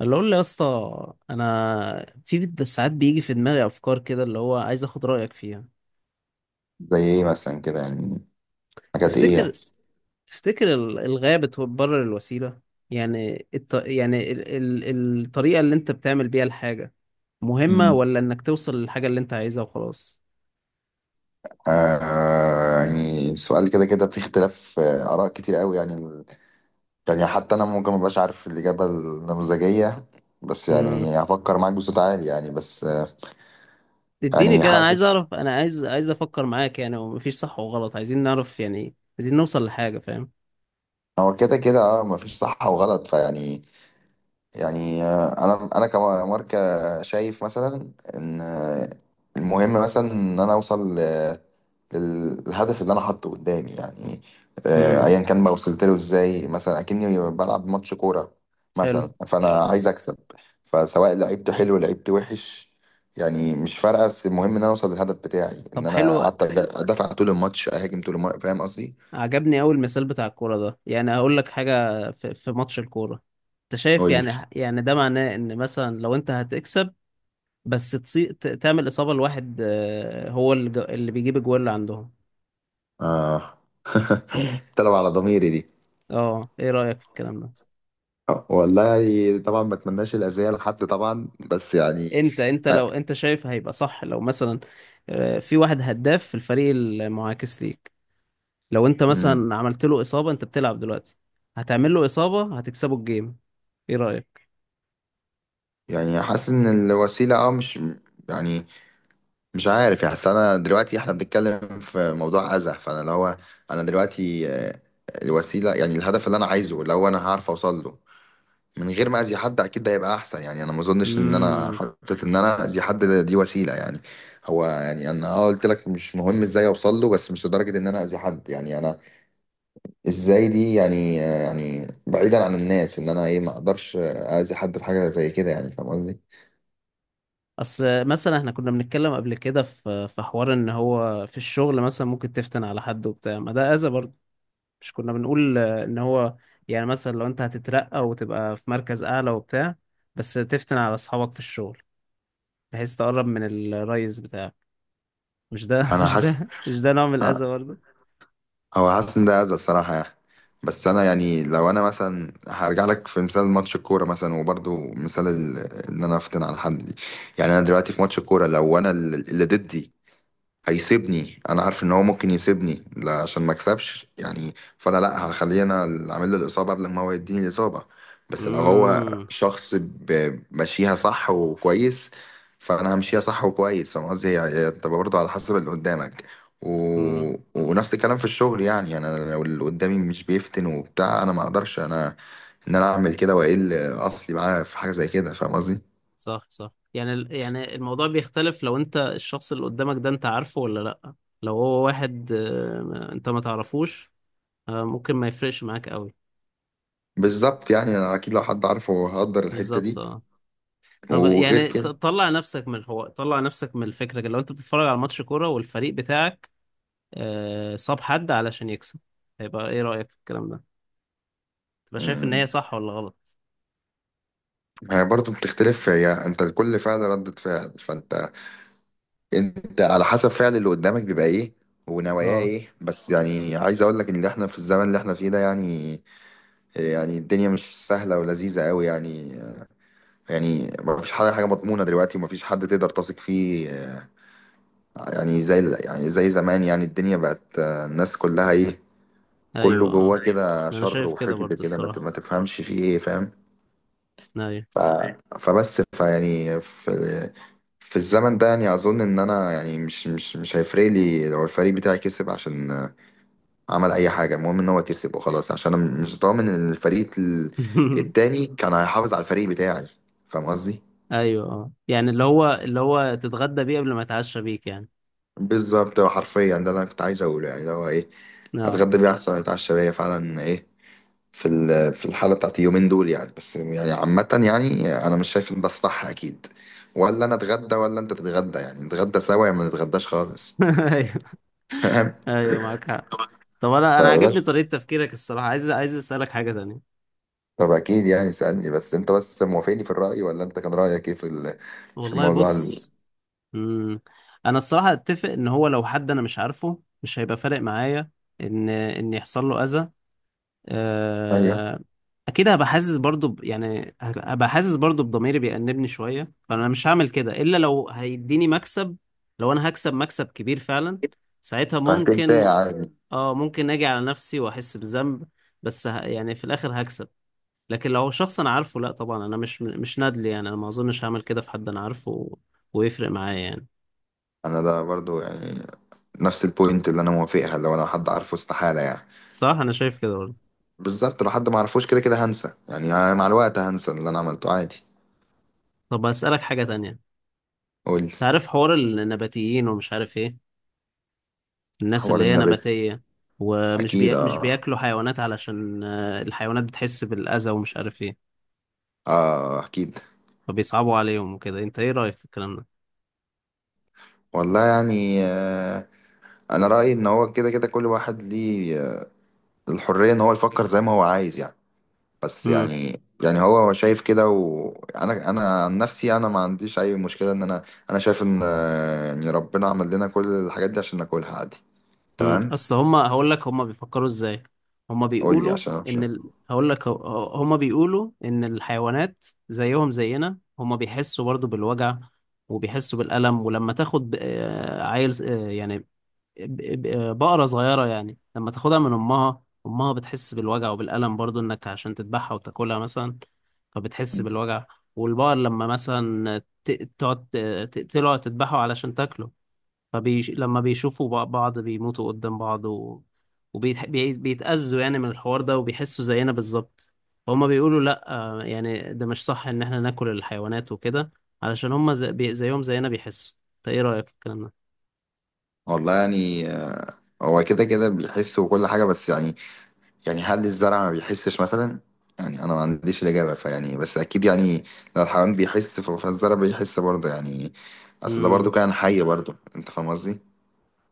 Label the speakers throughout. Speaker 1: اللي اقول له يا اسطى انا ساعات بيجي في دماغي افكار كده اللي هو عايز اخد رايك فيها.
Speaker 2: زي ايه مثلا كده يعني؟ حاجات ايه يعني؟
Speaker 1: تفتكر تفتكر الغايه بتبرر الوسيله؟ يعني الطريقه اللي انت بتعمل بيها الحاجه مهمه،
Speaker 2: امم
Speaker 1: ولا انك توصل للحاجه اللي انت عايزها وخلاص؟
Speaker 2: يعني سؤال كده كده في اختلاف، آراء كتير قوي يعني يعني حتى أنا ممكن مبقاش عارف الإجابة النموذجية. بس
Speaker 1: امم
Speaker 2: يعني هفكر معاك بصوت عالي يعني بس
Speaker 1: اديني
Speaker 2: يعني
Speaker 1: كده، انا عايز
Speaker 2: حاسس.
Speaker 1: اعرف، انا عايز افكر معاك يعني، ومفيش صح وغلط، عايزين نعرف يعني، عايزين نوصل لحاجه، فاهم؟
Speaker 2: هو كده كده اه مفيش صح وغلط فيعني يعني آه، انا كماركه شايف مثلا ان، المهم مثلا ان انا اوصل للهدف اللي انا حاطه قدامي يعني.
Speaker 1: امم
Speaker 2: ايا كان بقى وصلت له ازاي، مثلا اكني بلعب ماتش كوره
Speaker 1: حلو.
Speaker 2: مثلا، فانا عايز اكسب. فسواء لعبت حلو لعبت وحش يعني مش فارقه، بس المهم ان انا اوصل للهدف بتاعي، ان
Speaker 1: طب
Speaker 2: انا
Speaker 1: حلو،
Speaker 2: قعدت ادافع طول الماتش اهاجم طول الماتش. فاهم قصدي؟
Speaker 1: عجبني أوي المثال بتاع الكورة ده. يعني هقول لك حاجة، في ماتش الكورة، أنت شايف
Speaker 2: قول لي.
Speaker 1: يعني، يعني ده معناه إن مثلا لو أنت هتكسب بس تعمل إصابة لواحد، هو اللي بيجيب الجوال اللي عندهم.
Speaker 2: اه طلب على ضميري دي.
Speaker 1: أه، إيه رأيك في الكلام ده؟
Speaker 2: والله يعني طبعا ما اتمناش الاذيه لحد طبعا، بس يعني
Speaker 1: أنت
Speaker 2: آه،
Speaker 1: لو أنت شايف هيبقى صح، لو مثلا في واحد هداف في الفريق المعاكس ليك، لو أنت
Speaker 2: أمم،
Speaker 1: مثلا عملت له إصابة، أنت بتلعب دلوقتي، هتعمل له إصابة، هتكسبه الجيم. إيه رأيك؟
Speaker 2: يعني حاسس ان الوسيله اه مش يعني مش عارف يعني. أصل انا دلوقتي احنا بنتكلم في موضوع اذى، فانا اللي هو انا دلوقتي، الوسيله يعني الهدف اللي انا عايزه اللي هو انا هعرف اوصل له من غير ما اذي حد، اكيد ده هيبقى احسن. يعني انا ما اظنش ان انا
Speaker 1: مم.
Speaker 2: حطيت ان انا اذي حد دي وسيله يعني. هو يعني انا اه قلت لك مش مهم ازاي اوصل له، بس مش لدرجه ان انا اذي حد يعني. انا ازاي دي يعني، يعني بعيدا عن الناس، ان انا ايه ما اقدرش اذي حد في حاجه زي كده يعني. فاهم قصدي؟
Speaker 1: اصل مثلا احنا كنا بنتكلم قبل كده في حوار ان هو في الشغل مثلا ممكن تفتن على حد وبتاع، ما ده اذى برضه. مش كنا بنقول ان هو يعني مثلا لو انت هتترقى وتبقى في مركز اعلى وبتاع، بس تفتن على اصحابك في الشغل، بحيث تقرب من الريس بتاعك؟ مش ده
Speaker 2: انا
Speaker 1: مش
Speaker 2: حاسس
Speaker 1: ده مش ده نوع من الاذى برضه؟
Speaker 2: او حاسس ان ده اذى الصراحه يعني. بس انا يعني لو انا مثلا هرجع لك في مثال ماتش الكوره مثلا، وبرضو مثال ان انا افتن على حد دي، يعني انا دلوقتي في ماتش الكوره لو انا اللي ضدي هيسيبني، انا عارف ان هو ممكن يسيبني لا عشان ما اكسبش يعني، فانا لا هخليه انا اللي عامل له الاصابه قبل ما هو يديني الاصابه. بس لو هو
Speaker 1: امم.
Speaker 2: شخص ماشيها صح وكويس، فانا همشيها صح وكويس. فاهم قصدي؟ هي بتبقى برضه على حسب اللي قدامك و...
Speaker 1: امم.
Speaker 2: ونفس الكلام في الشغل يعني. يعني انا لو اللي قدامي مش بيفتن وبتاع، انا ما اقدرش انا ان انا اعمل كده واقل اصلي معاه في حاجه زي كده. فاهم قصدي؟
Speaker 1: صح صح. يعني ال- يعني الموضوع بيختلف لو انت الشخص اللي قدامك ده انت عارفه ولا لا. لو هو واحد انت ما تعرفوش، ممكن ما يفرقش معاك قوي.
Speaker 2: بالظبط يعني انا اكيد لو حد عارفه هقدر الحته
Speaker 1: بالظبط،
Speaker 2: دي.
Speaker 1: اه. طب
Speaker 2: وغير
Speaker 1: يعني
Speaker 2: كده،
Speaker 1: طلع نفسك من الحوار، طلع نفسك من الفكرة، لو انت بتتفرج على ماتش كورة والفريق بتاعك صاب حد علشان يكسب، هيبقى ايه رأيك في الكلام ده؟ تبقى شايف ان هي
Speaker 2: مم.
Speaker 1: صح ولا غلط؟
Speaker 2: هي برضه بتختلف. هي انت كل فعل ردة فعل، فانت انت على حسب فعل اللي قدامك بيبقى ايه ونواياه
Speaker 1: اه،
Speaker 2: ايه. بس يعني عايز اقول لك ان احنا في الزمن اللي احنا فيه ده يعني، يعني الدنيا مش سهلة ولذيذة قوي يعني. يعني ما فيش حاجة حاجة مضمونة دلوقتي، وما فيش حد تقدر تثق فيه. يعني زي يعني زي زمان، يعني الدنيا بقت، الناس كلها ايه، كله
Speaker 1: ايوه
Speaker 2: جواه
Speaker 1: اه.
Speaker 2: كده
Speaker 1: انا
Speaker 2: شر
Speaker 1: شايف كده
Speaker 2: وحقد
Speaker 1: برضو
Speaker 2: كده،
Speaker 1: الصراحة.
Speaker 2: ما تفهمش فيه ايه. فاهم؟
Speaker 1: ايوه.
Speaker 2: ف... فبس فيعني في في الزمن ده يعني اظن ان انا يعني مش هيفرق لي لو الفريق بتاعي كسب عشان عمل اي حاجه. المهم ان هو كسب وخلاص، عشان انا مش ضامن ان الفريق التاني كان هيحافظ على الفريق بتاعي. فاهم قصدي؟
Speaker 1: ايوه، اه. يعني اللي هو، اللي هو تتغدى بيه قبل ما يتعشى بيك يعني.
Speaker 2: بالظبط، هو حرفيا ده اللي انا كنت عايز اقوله، يعني اللي هو ايه،
Speaker 1: اه.
Speaker 2: اتغدى بيه احسن ما اتعشى بيه فعلا. ايه في في الحالة بتاعت اليومين دول يعني. بس يعني عامة يعني أنا مش شايف إن ده الصح أكيد. ولا أنا أتغدى ولا أنت تتغدى يعني، نتغدى سوا يا ما نتغداش خالص.
Speaker 1: ايوه.
Speaker 2: فاهم؟
Speaker 1: ايوه، معاك حق. طب انا، انا عاجبني
Speaker 2: فبس.
Speaker 1: طريقة تفكيرك الصراحة. عايز اسألك حاجة تانية.
Speaker 2: طب أكيد يعني سألني، بس أنت بس موافقني في الرأي ولا أنت كان رأيك إيه في في
Speaker 1: والله
Speaker 2: الموضوع
Speaker 1: بص. مم. انا الصراحه اتفق ان هو لو حد انا مش عارفه مش هيبقى فارق معايا ان يحصل له اذى.
Speaker 2: أيوه،
Speaker 1: آه، اكيد هبقى حاسس برضو يعني هبقى حاسس برضو بضميري بيأنبني شويه، فانا مش هعمل كده الا لو هيديني مكسب. لو انا هكسب مكسب كبير فعلا، ساعتها
Speaker 2: فهتكون
Speaker 1: ممكن.
Speaker 2: ساعة عادي.
Speaker 1: اه، ممكن اجي على نفسي واحس بذنب، بس يعني في الاخر هكسب. لكن لو شخص انا عارفه، لا طبعا، انا مش نادل يعني، انا ما اظنش هعمل كده في حد انا عارفه ويفرق معايا يعني.
Speaker 2: أنا ده برضو يعني نفس البوينت اللي أنا موافقها، لو أنا حد عارفه استحالة يعني.
Speaker 1: صح، انا شايف كده برضه.
Speaker 2: بالظبط، لو حد ما عرفوش كده كده هنسى، يعني أنا مع الوقت هنسى اللي أنا عملته عادي.
Speaker 1: طب اسالك حاجه تانية.
Speaker 2: قول لي.
Speaker 1: تعرف حوار النباتيين ومش عارف ايه؟ الناس
Speaker 2: حوار
Speaker 1: اللي هي
Speaker 2: النبات؟
Speaker 1: نباتيه
Speaker 2: أكيد
Speaker 1: مش
Speaker 2: اه.
Speaker 1: بياكلوا حيوانات علشان الحيوانات بتحس بالاذى ومش عارف ايه،
Speaker 2: اه اكيد.
Speaker 1: فبيصعبوا عليهم وكده. انت ايه رايك في الكلام ده؟
Speaker 2: والله يعني آه، انا رايي ان هو كده كده كل واحد ليه، الحريه ان هو يفكر زي ما هو عايز يعني. بس
Speaker 1: امم.
Speaker 2: يعني يعني هو شايف كده، وانا انا عن نفسي انا ما عنديش اي مشكله ان انا انا شايف ان، يعني ربنا عمل لنا كل الحاجات دي عشان ناكلها عادي.
Speaker 1: امم.
Speaker 2: تمام.
Speaker 1: اصل هم، هقول لك هم بيفكروا ازاي. هم
Speaker 2: قول لي
Speaker 1: بيقولوا
Speaker 2: عشان أنا مش.
Speaker 1: ان هقول لك، هم بيقولوا ان الحيوانات زيهم زينا، هم بيحسوا برضه بالوجع وبيحسوا بالألم. ولما تاخد، عيل، يعني بقرة صغيرة، يعني لما تاخدها من أمها، أمها بتحس بالوجع وبالألم برضو، إنك عشان تذبحها وتاكلها مثلا، فبتحس بالوجع. والبقر لما مثلا ت- تقعد ت- تقتله أو تذبحه علشان تاكله، لما بيشوفوا بعض بيموتوا قدام بعض وبيتأذوا يعني من الحوار ده، وبيحسوا زينا بالظبط. فهم بيقولوا لأ، يعني ده مش صح إن إحنا ناكل الحيوانات وكده، علشان هم زيهم زينا بيحسوا. أنت إيه رأيك في الكلام
Speaker 2: والله يعني هو كده كده بيحس وكل حاجه، بس يعني يعني هل الزرع ما بيحسش مثلا؟ يعني انا ما عنديش الاجابه فيعني. بس اكيد يعني لو الحيوان بيحس، فالزرع بيحس برضه يعني. اصل ده برضه
Speaker 1: ده؟
Speaker 2: كائن حي برضه. انت فاهم قصدي؟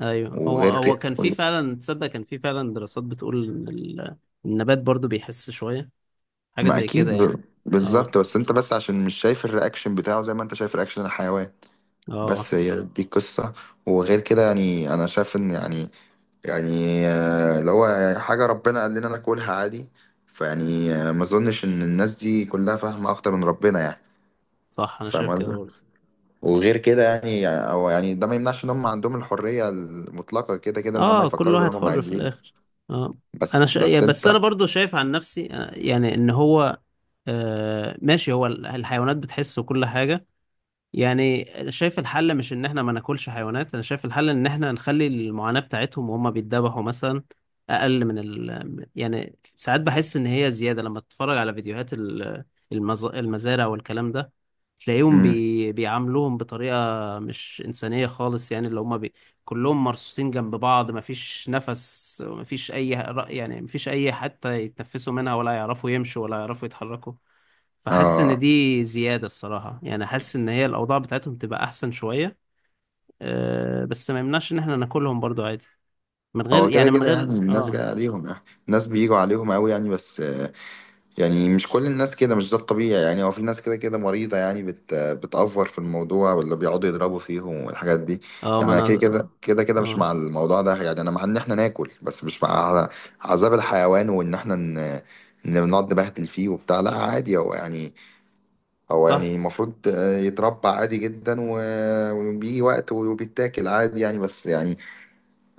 Speaker 1: ايوه. هو
Speaker 2: وغير
Speaker 1: هو
Speaker 2: كده
Speaker 1: كان في فعلا، تصدق كان في فعلا دراسات بتقول ان النبات برضو بيحس شويه، حاجه
Speaker 2: ما
Speaker 1: زي كده
Speaker 2: اكيد
Speaker 1: يعني. اه.
Speaker 2: بالظبط، بس انت بس عشان مش شايف الرياكشن بتاعه زي ما انت شايف رياكشن الحيوان.
Speaker 1: اه.
Speaker 2: بس هي دي القصه. وغير كده يعني انا شايف ان يعني، يعني اللي هو يعني حاجه ربنا قال لنا ناكلها عادي. فيعني ما اظنش ان الناس دي كلها فاهمه اكتر من ربنا يعني.
Speaker 1: صح، انا
Speaker 2: فاهم
Speaker 1: شايف كده
Speaker 2: قصدي؟
Speaker 1: برضو.
Speaker 2: وغير كده يعني او يعني ده ما يمنعش ان هم عندهم الحريه المطلقه كده كده ان هم
Speaker 1: اه، كل
Speaker 2: يفكروا زي
Speaker 1: واحد
Speaker 2: ما هم
Speaker 1: حر في
Speaker 2: عايزين.
Speaker 1: الاخر. اه.
Speaker 2: بس بس
Speaker 1: بس انا
Speaker 2: انت.
Speaker 1: برضو شايف عن نفسي، يعني ان هو، آه ماشي، هو ال- الحيوانات بتحس وكل حاجه، يعني انا شايف الحل مش ان احنا ما ناكلش حيوانات. انا شايف الحل ان احنا نخلي المعاناة بتاعتهم وهم بيتذبحوا مثلا اقل من يعني ساعات بحس ان هي زيادة. لما تتفرج على فيديوهات المزارع والكلام ده، تلاقيهم
Speaker 2: امم
Speaker 1: بيعاملوهم بطريقة مش إنسانية خالص، يعني اللي هم كلهم مرصوصين جنب بعض، مفيش نفس، مفيش اي يعني مفيش اي حتى يتنفسوا منها، ولا يعرفوا يمشوا، ولا يعرفوا يتحركوا. فحاسس ان
Speaker 2: اه.
Speaker 1: دي زيادة الصراحة. يعني حاسس ان هي الاوضاع بتاعتهم تبقى احسن شوية. أه، بس ما يمنعش ان احنا ناكلهم برضو عادي، من غير
Speaker 2: هو كده
Speaker 1: يعني، من
Speaker 2: كده
Speaker 1: غير
Speaker 2: يعني الناس
Speaker 1: اه.
Speaker 2: جايه عليهم يعني، الناس بيجوا عليهم قوي يعني. بس يعني مش كل الناس كده، مش ده الطبيعي يعني. هو في ناس كده كده مريضه يعني، بت بتأفور في الموضوع، ولا بيقعدوا يضربوا فيهم والحاجات دي.
Speaker 1: اه.
Speaker 2: يعني
Speaker 1: ما
Speaker 2: انا كده
Speaker 1: انا.
Speaker 2: كده كده كده مش
Speaker 1: اه.
Speaker 2: مع الموضوع ده يعني. انا مع ان احنا ناكل، بس مش مع عذاب الحيوان وان احنا ان بنقعد نبهدل فيه وبتاع. لا عادي، هو يعني هو
Speaker 1: صح.
Speaker 2: يعني المفروض يتربى عادي جدا و، وبيجي وقت وبيتاكل عادي يعني. بس يعني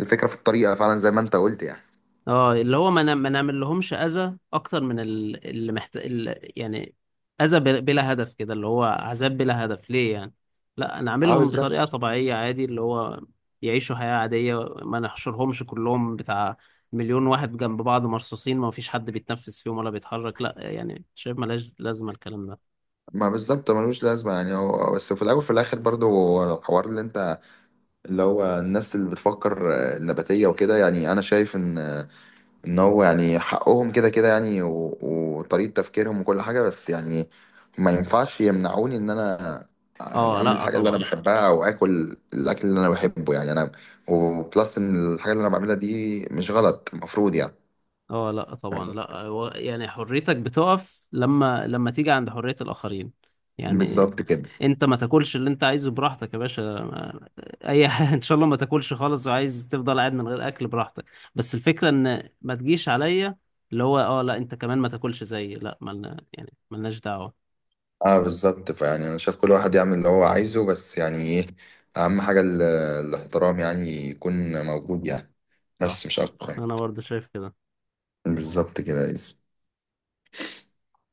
Speaker 2: الفكرة في الطريقة فعلا زي ما انت قلت يعني.
Speaker 1: اه، اللي هو ما نعملهمش اذى اكتر من يعني اذى بلا هدف كده، اللي هو عذاب بلا هدف ليه يعني. لا
Speaker 2: اه
Speaker 1: نعملهم بطريقة
Speaker 2: بالظبط.
Speaker 1: طبيعية عادي، اللي هو يعيشوا حياة عادية، ما نحشرهمش كلهم بتاع مليون واحد جنب بعض مرصوصين، ما فيش حد بيتنفس فيهم ولا بيتحرك، لا يعني. شايف ملاش لازمة الكلام ده.
Speaker 2: ما بالظبط ملوش لازمة يعني. هو بس في الأول وفي الآخر برضو هو الحوار اللي انت، اللي هو الناس اللي بتفكر، النباتية وكده، يعني أنا شايف إن ان هو يعني حقهم كده كده يعني وطريقة تفكيرهم وكل حاجة. بس يعني ما ينفعش يمنعوني ان انا يعني
Speaker 1: اه،
Speaker 2: اعمل
Speaker 1: لا
Speaker 2: الحاجة اللي انا
Speaker 1: طبعا.
Speaker 2: بحبها او اكل الاكل اللي انا بحبه يعني. انا وبلس ان الحاجة اللي انا بعملها دي مش غلط المفروض يعني.
Speaker 1: اه، لا طبعا، لا. هو يعني حريتك بتقف لما، لما تيجي عند حرية الآخرين يعني.
Speaker 2: بالظبط كده.
Speaker 1: انت ما تاكلش اللي انت عايزه براحتك يا باشا، اي حاجة، ان شاء الله ما تاكلش خالص وعايز تفضل قاعد من غير اكل، براحتك. بس الفكرة ان ما تجيش عليا، اللي هو اه لا، انت كمان ما تاكلش زيي، لا، ملنا يعني ملناش دعوة.
Speaker 2: اه بالظبط، فيعني انا شايف كل واحد يعمل اللي هو عايزه، بس يعني ايه اهم حاجة الاحترام يعني يكون موجود يعني، بس
Speaker 1: صح،
Speaker 2: مش اكتر يعني.
Speaker 1: انا برضه شايف كده.
Speaker 2: بالظبط كده.